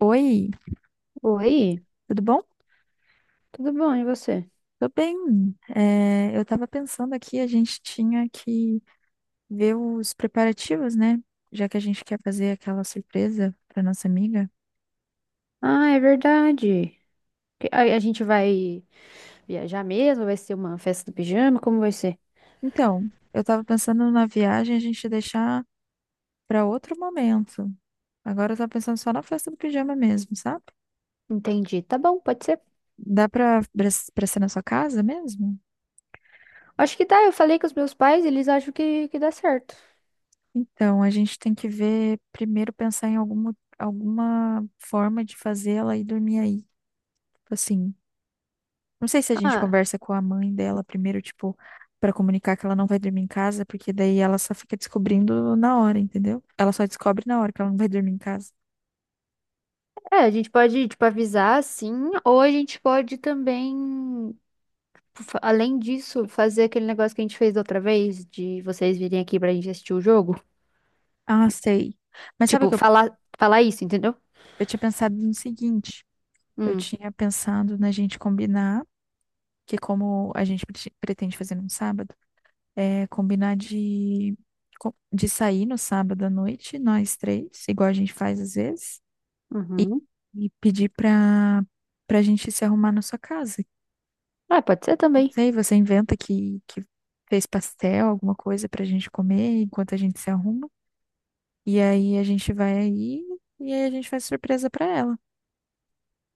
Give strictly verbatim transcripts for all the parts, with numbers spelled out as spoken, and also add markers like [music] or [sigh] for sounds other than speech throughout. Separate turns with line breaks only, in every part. Oi,
Oi,
tudo bom?
tudo bom, e você?
Tô bem. É, eu tava pensando aqui, a gente tinha que ver os preparativos, né? Já que a gente quer fazer aquela surpresa pra nossa amiga.
Ah, é verdade. Que- A, a gente vai viajar mesmo? Vai ser uma festa do pijama? Como vai ser?
Então, eu tava pensando na viagem a gente deixar pra outro momento. Agora eu tava pensando só na festa do pijama mesmo, sabe?
Entendi. Tá bom, pode ser.
Dá pra, pra pra ser na sua casa mesmo?
Acho que dá. Eu falei com os meus pais, eles acham que, que dá certo.
Então, a gente tem que ver, primeiro pensar em alguma, alguma forma de fazer ela ir dormir aí. Tipo Assim, não sei se a gente
Ah,
conversa com a mãe dela primeiro, tipo, pra comunicar que ela não vai dormir em casa, porque daí ela só fica descobrindo na hora, entendeu? Ela só descobre na hora que ela não vai dormir em casa.
é, a gente pode, tipo, avisar, sim, ou a gente pode também, fa- além disso, fazer aquele negócio que a gente fez da outra vez, de vocês virem aqui pra gente assistir o jogo.
Ah, sei. Mas sabe o
Tipo,
que eu,
falar, falar isso, entendeu?
eu tinha pensado no seguinte? Eu
Hum.
tinha pensado na gente combinar, que como a gente prete- pretende fazer num sábado, é combinar de, co- de sair no sábado à noite, nós três, igual a gente faz às vezes, e,
Uhum.
e pedir pra, pra gente se arrumar na sua casa.
Ah, pode ser também.
Sei, você inventa que, que fez pastel, alguma coisa pra gente comer enquanto a gente se arruma. E aí a gente vai aí e aí a gente faz surpresa pra ela.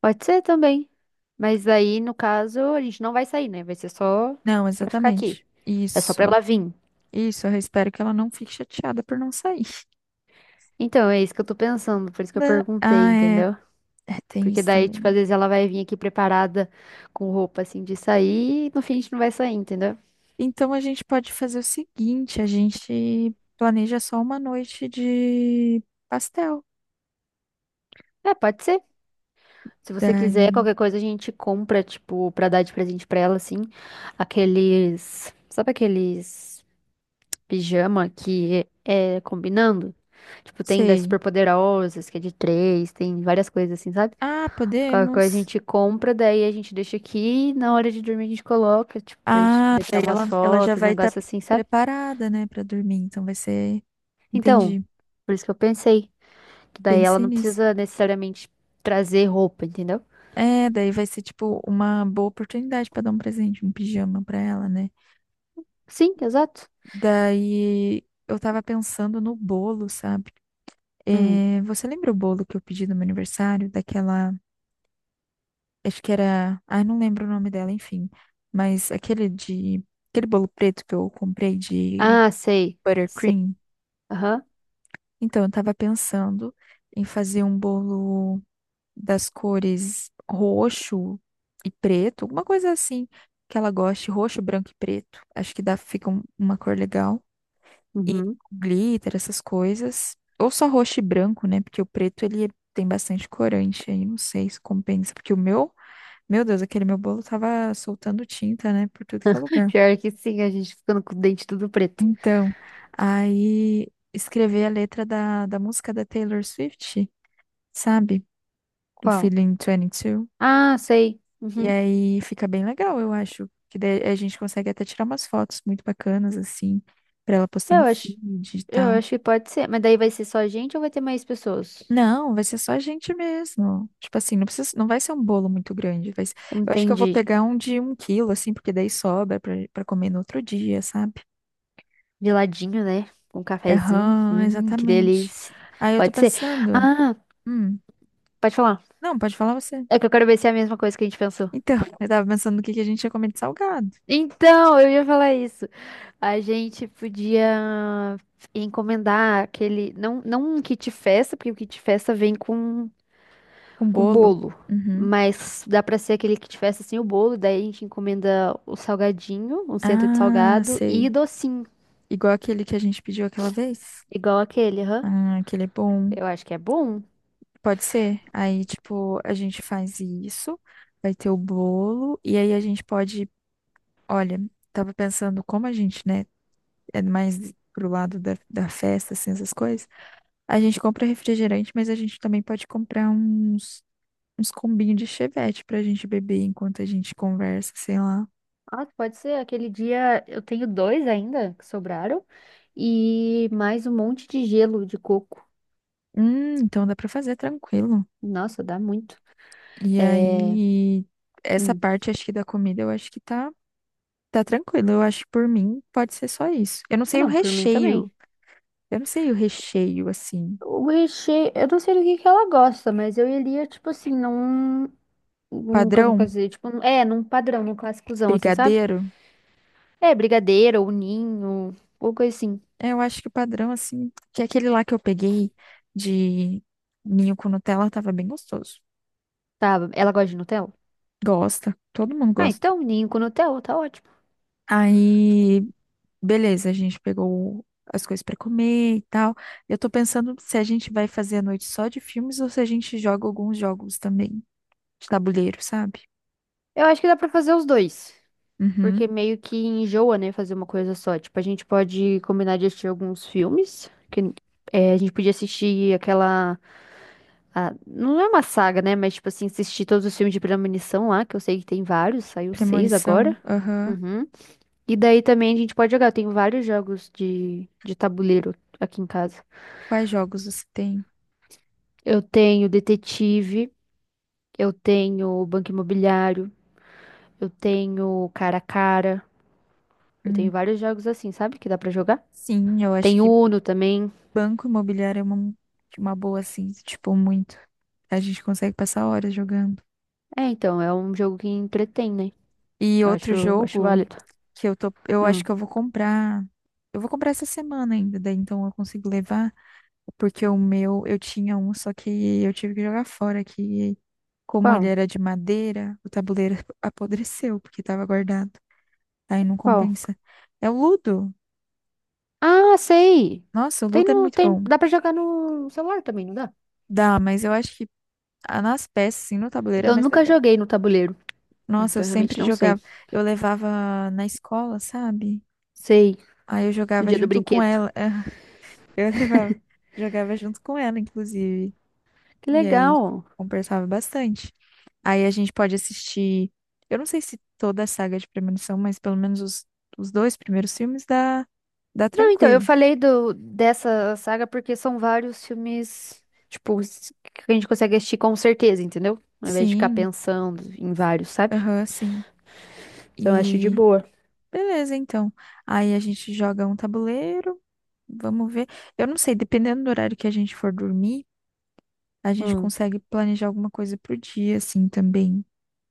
Pode ser também. Mas aí, no caso, a gente não vai sair, né? Vai ser só
Não,
pra ficar aqui.
exatamente.
É só pra
Isso.
ela vir.
Isso, eu espero que ela não fique chateada por não sair. [laughs]
Então, é isso que eu tô pensando, por isso que eu
Da-
perguntei,
Ah, é,
entendeu?
é, tem
Porque
isso
daí,
também,
tipo,
né?
às vezes ela vai vir aqui preparada com roupa assim de sair e no fim a gente não vai sair, entendeu?
Então a gente pode fazer o seguinte, a gente planeja só uma noite de pastel.
É, pode ser. Se você quiser,
Daí,
qualquer coisa a gente compra, tipo, pra dar de presente pra ela, assim, aqueles. Sabe aqueles. Pijama que é, é combinando. Tipo, tem das
sei.
Superpoderosas, que é de três, tem várias coisas assim, sabe?
Ah,
Qualquer coisa a
podemos.
gente compra, daí a gente deixa aqui, e na hora de dormir a gente coloca, tipo, pra gente
Ah,
poder tirar
daí
umas
ela, ela já
fotos, um
vai estar
negócio assim, sabe?
preparada, né, pra dormir. Então vai ser.
Então,
Entendi.
por isso que eu pensei, que daí ela
Pensei
não
nisso.
precisa necessariamente trazer roupa, entendeu?
É, daí vai ser tipo uma boa oportunidade pra dar um presente, um pijama pra ela, né?
Sim, exato.
Daí eu tava pensando no bolo, sabe?
Hum.
É, você lembra o bolo que eu pedi no meu aniversário? Daquela. Acho que era. Ai, não lembro o nome dela, enfim. Mas aquele de. Aquele bolo preto que eu comprei de
Ah, sei. Sei.
buttercream.
Aham.
Então, eu tava pensando em fazer um bolo das cores roxo e preto, alguma coisa assim que ela goste, roxo, branco e preto. Acho que dá, fica um- uma cor legal. E
Uhum.
glitter, essas coisas. Ou só roxo e branco, né? Porque o preto ele tem bastante corante aí, não sei se compensa, porque o meu, meu Deus, aquele meu bolo tava soltando tinta, né, por tudo que é
[laughs]
lugar.
Pior que sim, a gente ficando com o dente tudo preto.
Então, aí escrever a letra da, da música da Taylor Swift, sabe? Do
Qual?
Feeling vinte e dois.
Ah, sei.
E
Uhum.
aí fica bem legal, eu acho. Que daí a gente consegue até tirar umas fotos muito bacanas, assim, pra ela postar
Eu
no
acho
feed e
Eu
tal.
acho que pode ser, mas daí vai ser só gente ou vai ter mais pessoas?
Não, vai ser só a gente mesmo. Tipo assim, não precisa, não vai ser um bolo muito grande. Vai ser- eu acho que eu vou
Entendi.
pegar um de um quilo, assim, porque daí sobra pra, pra comer no outro dia, sabe?
De né? Com um cafezinho.
Aham,
Hum, que
exatamente.
delícia.
Aí eu tô
Pode ser.
pensando.
Ah,
Hum,
pode falar.
não, pode falar você.
É que eu quero ver se é a mesma coisa que a gente pensou.
Então, [laughs] eu tava pensando no que que a gente ia comer de salgado.
Então, eu ia falar isso. A gente podia encomendar aquele. Não, não um kit festa, porque o kit festa vem com,
Um
com
bolo.
bolo.
Uhum.
Mas dá pra ser aquele kit festa sem o bolo. Daí a gente encomenda o salgadinho, um centro de
Ah,
salgado e
sei.
docinho.
Igual aquele que a gente pediu aquela vez.
Igual aquele, hã?
Ah, aquele é bom.
Eu acho que é bom.
Pode ser. Aí, tipo, a gente faz isso, vai ter o bolo, e aí a gente pode. Olha, tava pensando como a gente, né, é mais pro lado da, da festa, assim, essas coisas. A gente compra refrigerante, mas a gente também pode comprar uns, uns combinhos de chevette pra gente beber enquanto a gente conversa, sei lá.
Ah, pode ser. Aquele dia eu tenho dois ainda que sobraram e mais um monte de gelo de coco.
Hum, então dá pra fazer tranquilo.
Nossa, dá muito.
E
É.
aí, essa
Hum.
parte, acho que da comida, eu acho que tá. Tá tranquilo, eu acho que por mim pode ser só isso. Eu não
Ah,
sei o
não, por mim também.
recheio. Eu não sei o recheio, assim.
O recheio, eu não sei do que que ela gosta, mas eu iria, tipo assim, num. num como
Padrão?
fazer? Tipo, num- é, num padrão, num clássicozão, assim, sabe?
Brigadeiro?
É, brigadeiro ou ninho, ou coisa assim.
É, eu acho que o padrão, assim, que é aquele lá que eu peguei de ninho com Nutella tava bem gostoso.
Tá, ela gosta de Nutella?
Gosta, todo mundo
Ah,
gosta.
então, ninho com Nutella, tá ótimo.
Aí, beleza, a gente pegou as coisas pra comer e tal. Eu tô pensando se a gente vai fazer a noite só de filmes ou se a gente joga alguns jogos também de tabuleiro, sabe?
Eu acho que dá pra fazer os dois.
Uhum.
Porque meio que enjoa, né, fazer uma coisa só. Tipo, a gente pode combinar de assistir alguns filmes, que é, a gente podia assistir aquela... a- não é uma saga, né, mas tipo assim, assistir todos os filmes de Premonição lá, que eu sei que tem vários, saiu seis
Premonição,
agora.
aham.
Uhum. E daí também a gente pode jogar, eu tenho vários jogos de, de tabuleiro aqui em casa.
Quais jogos você tem?
Eu tenho Detetive, eu tenho Banco Imobiliário, eu tenho Cara a Cara, eu
Hum,
tenho vários jogos assim, sabe, que dá pra jogar.
sim, eu acho
Tem
que
Uno também.
Banco Imobiliário é uma, uma boa, assim, tipo, muito. A gente consegue passar horas jogando.
É, então, é um jogo que entretém, né?
E
Eu
outro
acho, acho
jogo
válido.
que eu tô, eu acho
Hum.
que eu vou comprar. Eu vou comprar essa semana ainda, daí então eu consigo levar, porque o meu, eu tinha um, só que eu tive que jogar fora, que como ele
Qual?
era de madeira, o tabuleiro [laughs] apodreceu, porque tava guardado. Aí não
Qual?
compensa. É o Ludo.
Ah, sei!
Nossa, o
Tem
Ludo é
no,
muito
tem,
bom.
dá pra jogar no celular também, não dá?
Dá, mas eu acho que Ah, Nas peças, assim, no tabuleiro é
Eu
mais
nunca
legal.
joguei no tabuleiro,
Nossa, eu
então eu realmente
sempre
não sei.
jogava. Eu levava na escola, sabe?
Sei,
Aí eu
no
jogava
dia do
junto com
brinquedo.
ela. [laughs] Eu levava. Jogava junto com ela, inclusive.
Que
E aí
legal!
conversava bastante. Aí a gente pode assistir. Eu não sei se toda a saga é de Premonição, mas pelo menos os, os dois primeiros filmes dá, dá
Não, então, eu
tranquilo.
falei do, dessa saga porque são vários filmes, tipo, s- que a gente consegue assistir com certeza, entendeu? Ao invés de ficar
Sim,
pensando em vários, sabe?
aham, sim.
Então eu acho de
E
boa.
beleza, então. Aí a gente joga um tabuleiro. Vamos ver. Eu não sei, dependendo do horário que a gente for dormir, a gente
Hum,
consegue planejar alguma coisa pro dia, assim, também,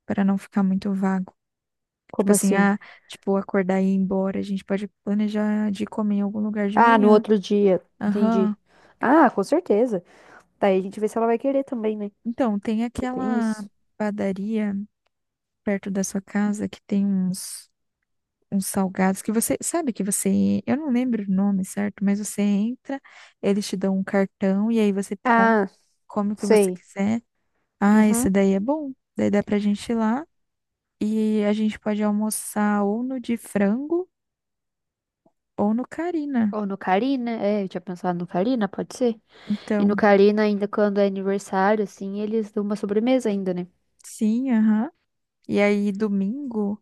para não ficar muito vago. Tipo
como
assim,
assim?
ah, tipo, acordar e ir embora, a gente pode planejar de comer em algum lugar de
Ah, no
manhã.
outro dia.
Aham.
Entendi. Ah, com certeza. Daí a gente vê se ela vai querer também, né?
Então, tem
Porque tem
aquela
isso.
padaria perto da sua casa que tem uns, uns salgados que você sabe que você, eu não lembro o nome, certo? Mas você entra, eles te dão um cartão e aí você com-
Ah,
come o que você
sei.
quiser. Ah, esse
Uhum.
daí é bom. Daí dá pra gente ir lá e a gente pode almoçar ou no de frango ou no Carina.
Ou no Carina, é, eu tinha pensado no Carina, pode ser. E no
Então,
Carina, ainda quando é aniversário, assim, eles dão uma sobremesa ainda, né?
sim, aham. E aí, domingo,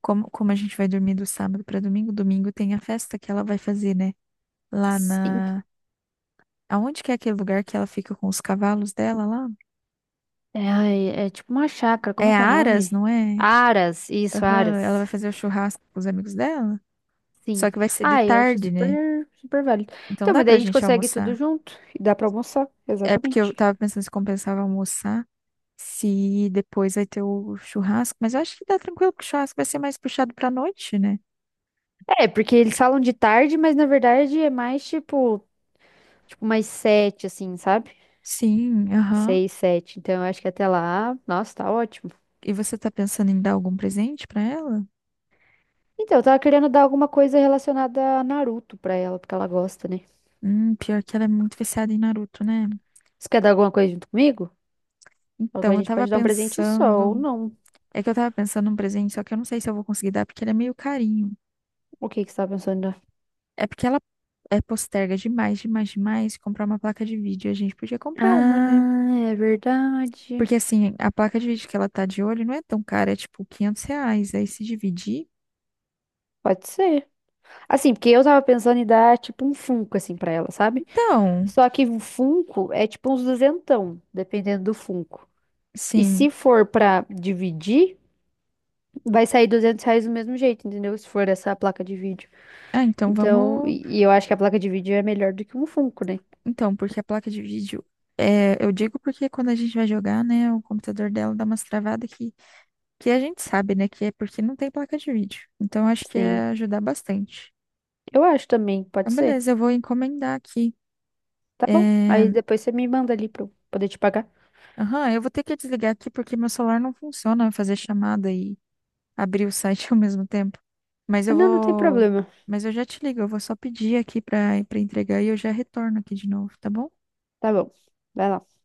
como, como a gente vai dormir do sábado pra domingo, domingo tem a festa que ela vai fazer, né? Lá
Sim.
na. Aonde que é aquele lugar que ela fica com os cavalos dela lá?
É, ai, é tipo uma chácara, como é
É
que é o
Aras,
nome?
não é?
Aras, isso,
Aham, ela vai
Aras.
fazer o churrasco com os amigos dela.
Sim.
Só que vai ser de
Ah, eu acho
tarde, né?
super, super válido.
Então
Então,
dá
mas daí
pra
a gente
gente
consegue tudo
almoçar.
junto e dá pra almoçar,
É porque eu
exatamente.
tava pensando se compensava almoçar, se depois vai ter o churrasco, mas eu acho que dá tranquilo, porque o churrasco vai ser mais puxado pra noite, né?
É, porque eles falam de tarde, mas na verdade é mais tipo, tipo mais sete, assim, sabe?
Sim, aham.
Seis, sete. Então eu acho que até lá, nossa, tá ótimo.
E você tá pensando em dar algum presente pra ela?
Então, eu tava querendo dar alguma coisa relacionada a Naruto pra ela, porque ela gosta, né?
Hum, pior que ela é muito viciada em Naruto, né?
Você quer dar alguma coisa junto comigo? Alguma a
Então, eu
gente
tava
pode dar um presente só ou
pensando.
não.
É que eu tava pensando num presente, só que eu não sei se eu vou conseguir dar, porque ele é meio carinho.
O que que você tá pensando em dar?
É porque ela é posterga demais, demais, demais comprar uma placa de vídeo. A gente podia comprar uma, né?
Ah, é verdade.
Porque assim, a placa de vídeo que ela tá de olho não é tão cara, é tipo quinhentos reais. Aí se dividir.
Pode ser. Assim, porque eu tava pensando em dar tipo um Funko, assim, pra ela, sabe?
Então.
Só que o Funko é tipo uns duzentão, dependendo do Funko. E
Sim.
se for pra dividir, vai sair duzentos reais do mesmo jeito, entendeu? Se for essa placa de vídeo.
Ah, então
Então,
vamos.
e e eu acho que a placa de vídeo é melhor do que um Funko, né?
Então, porque a placa de vídeo. É, eu digo porque quando a gente vai jogar, né, o computador dela dá umas travadas que, que a gente sabe, né, que é porque não tem placa de vídeo. Então, acho que
Sim.
ia ajudar bastante.
Eu acho também, pode
Então,
ser.
beleza, eu vou encomendar aqui.
Tá bom.
É,
Aí depois você me manda ali pra eu poder te pagar.
Aham, eu vou ter que desligar aqui porque meu celular não funciona fazer chamada e abrir o site [laughs] ao mesmo tempo. Mas
Ah,
eu
não, não tem
vou.
problema.
Mas eu já te ligo, eu vou só pedir aqui pra, pra entregar e eu já retorno aqui de novo, tá bom?
Tá bom. Vai lá.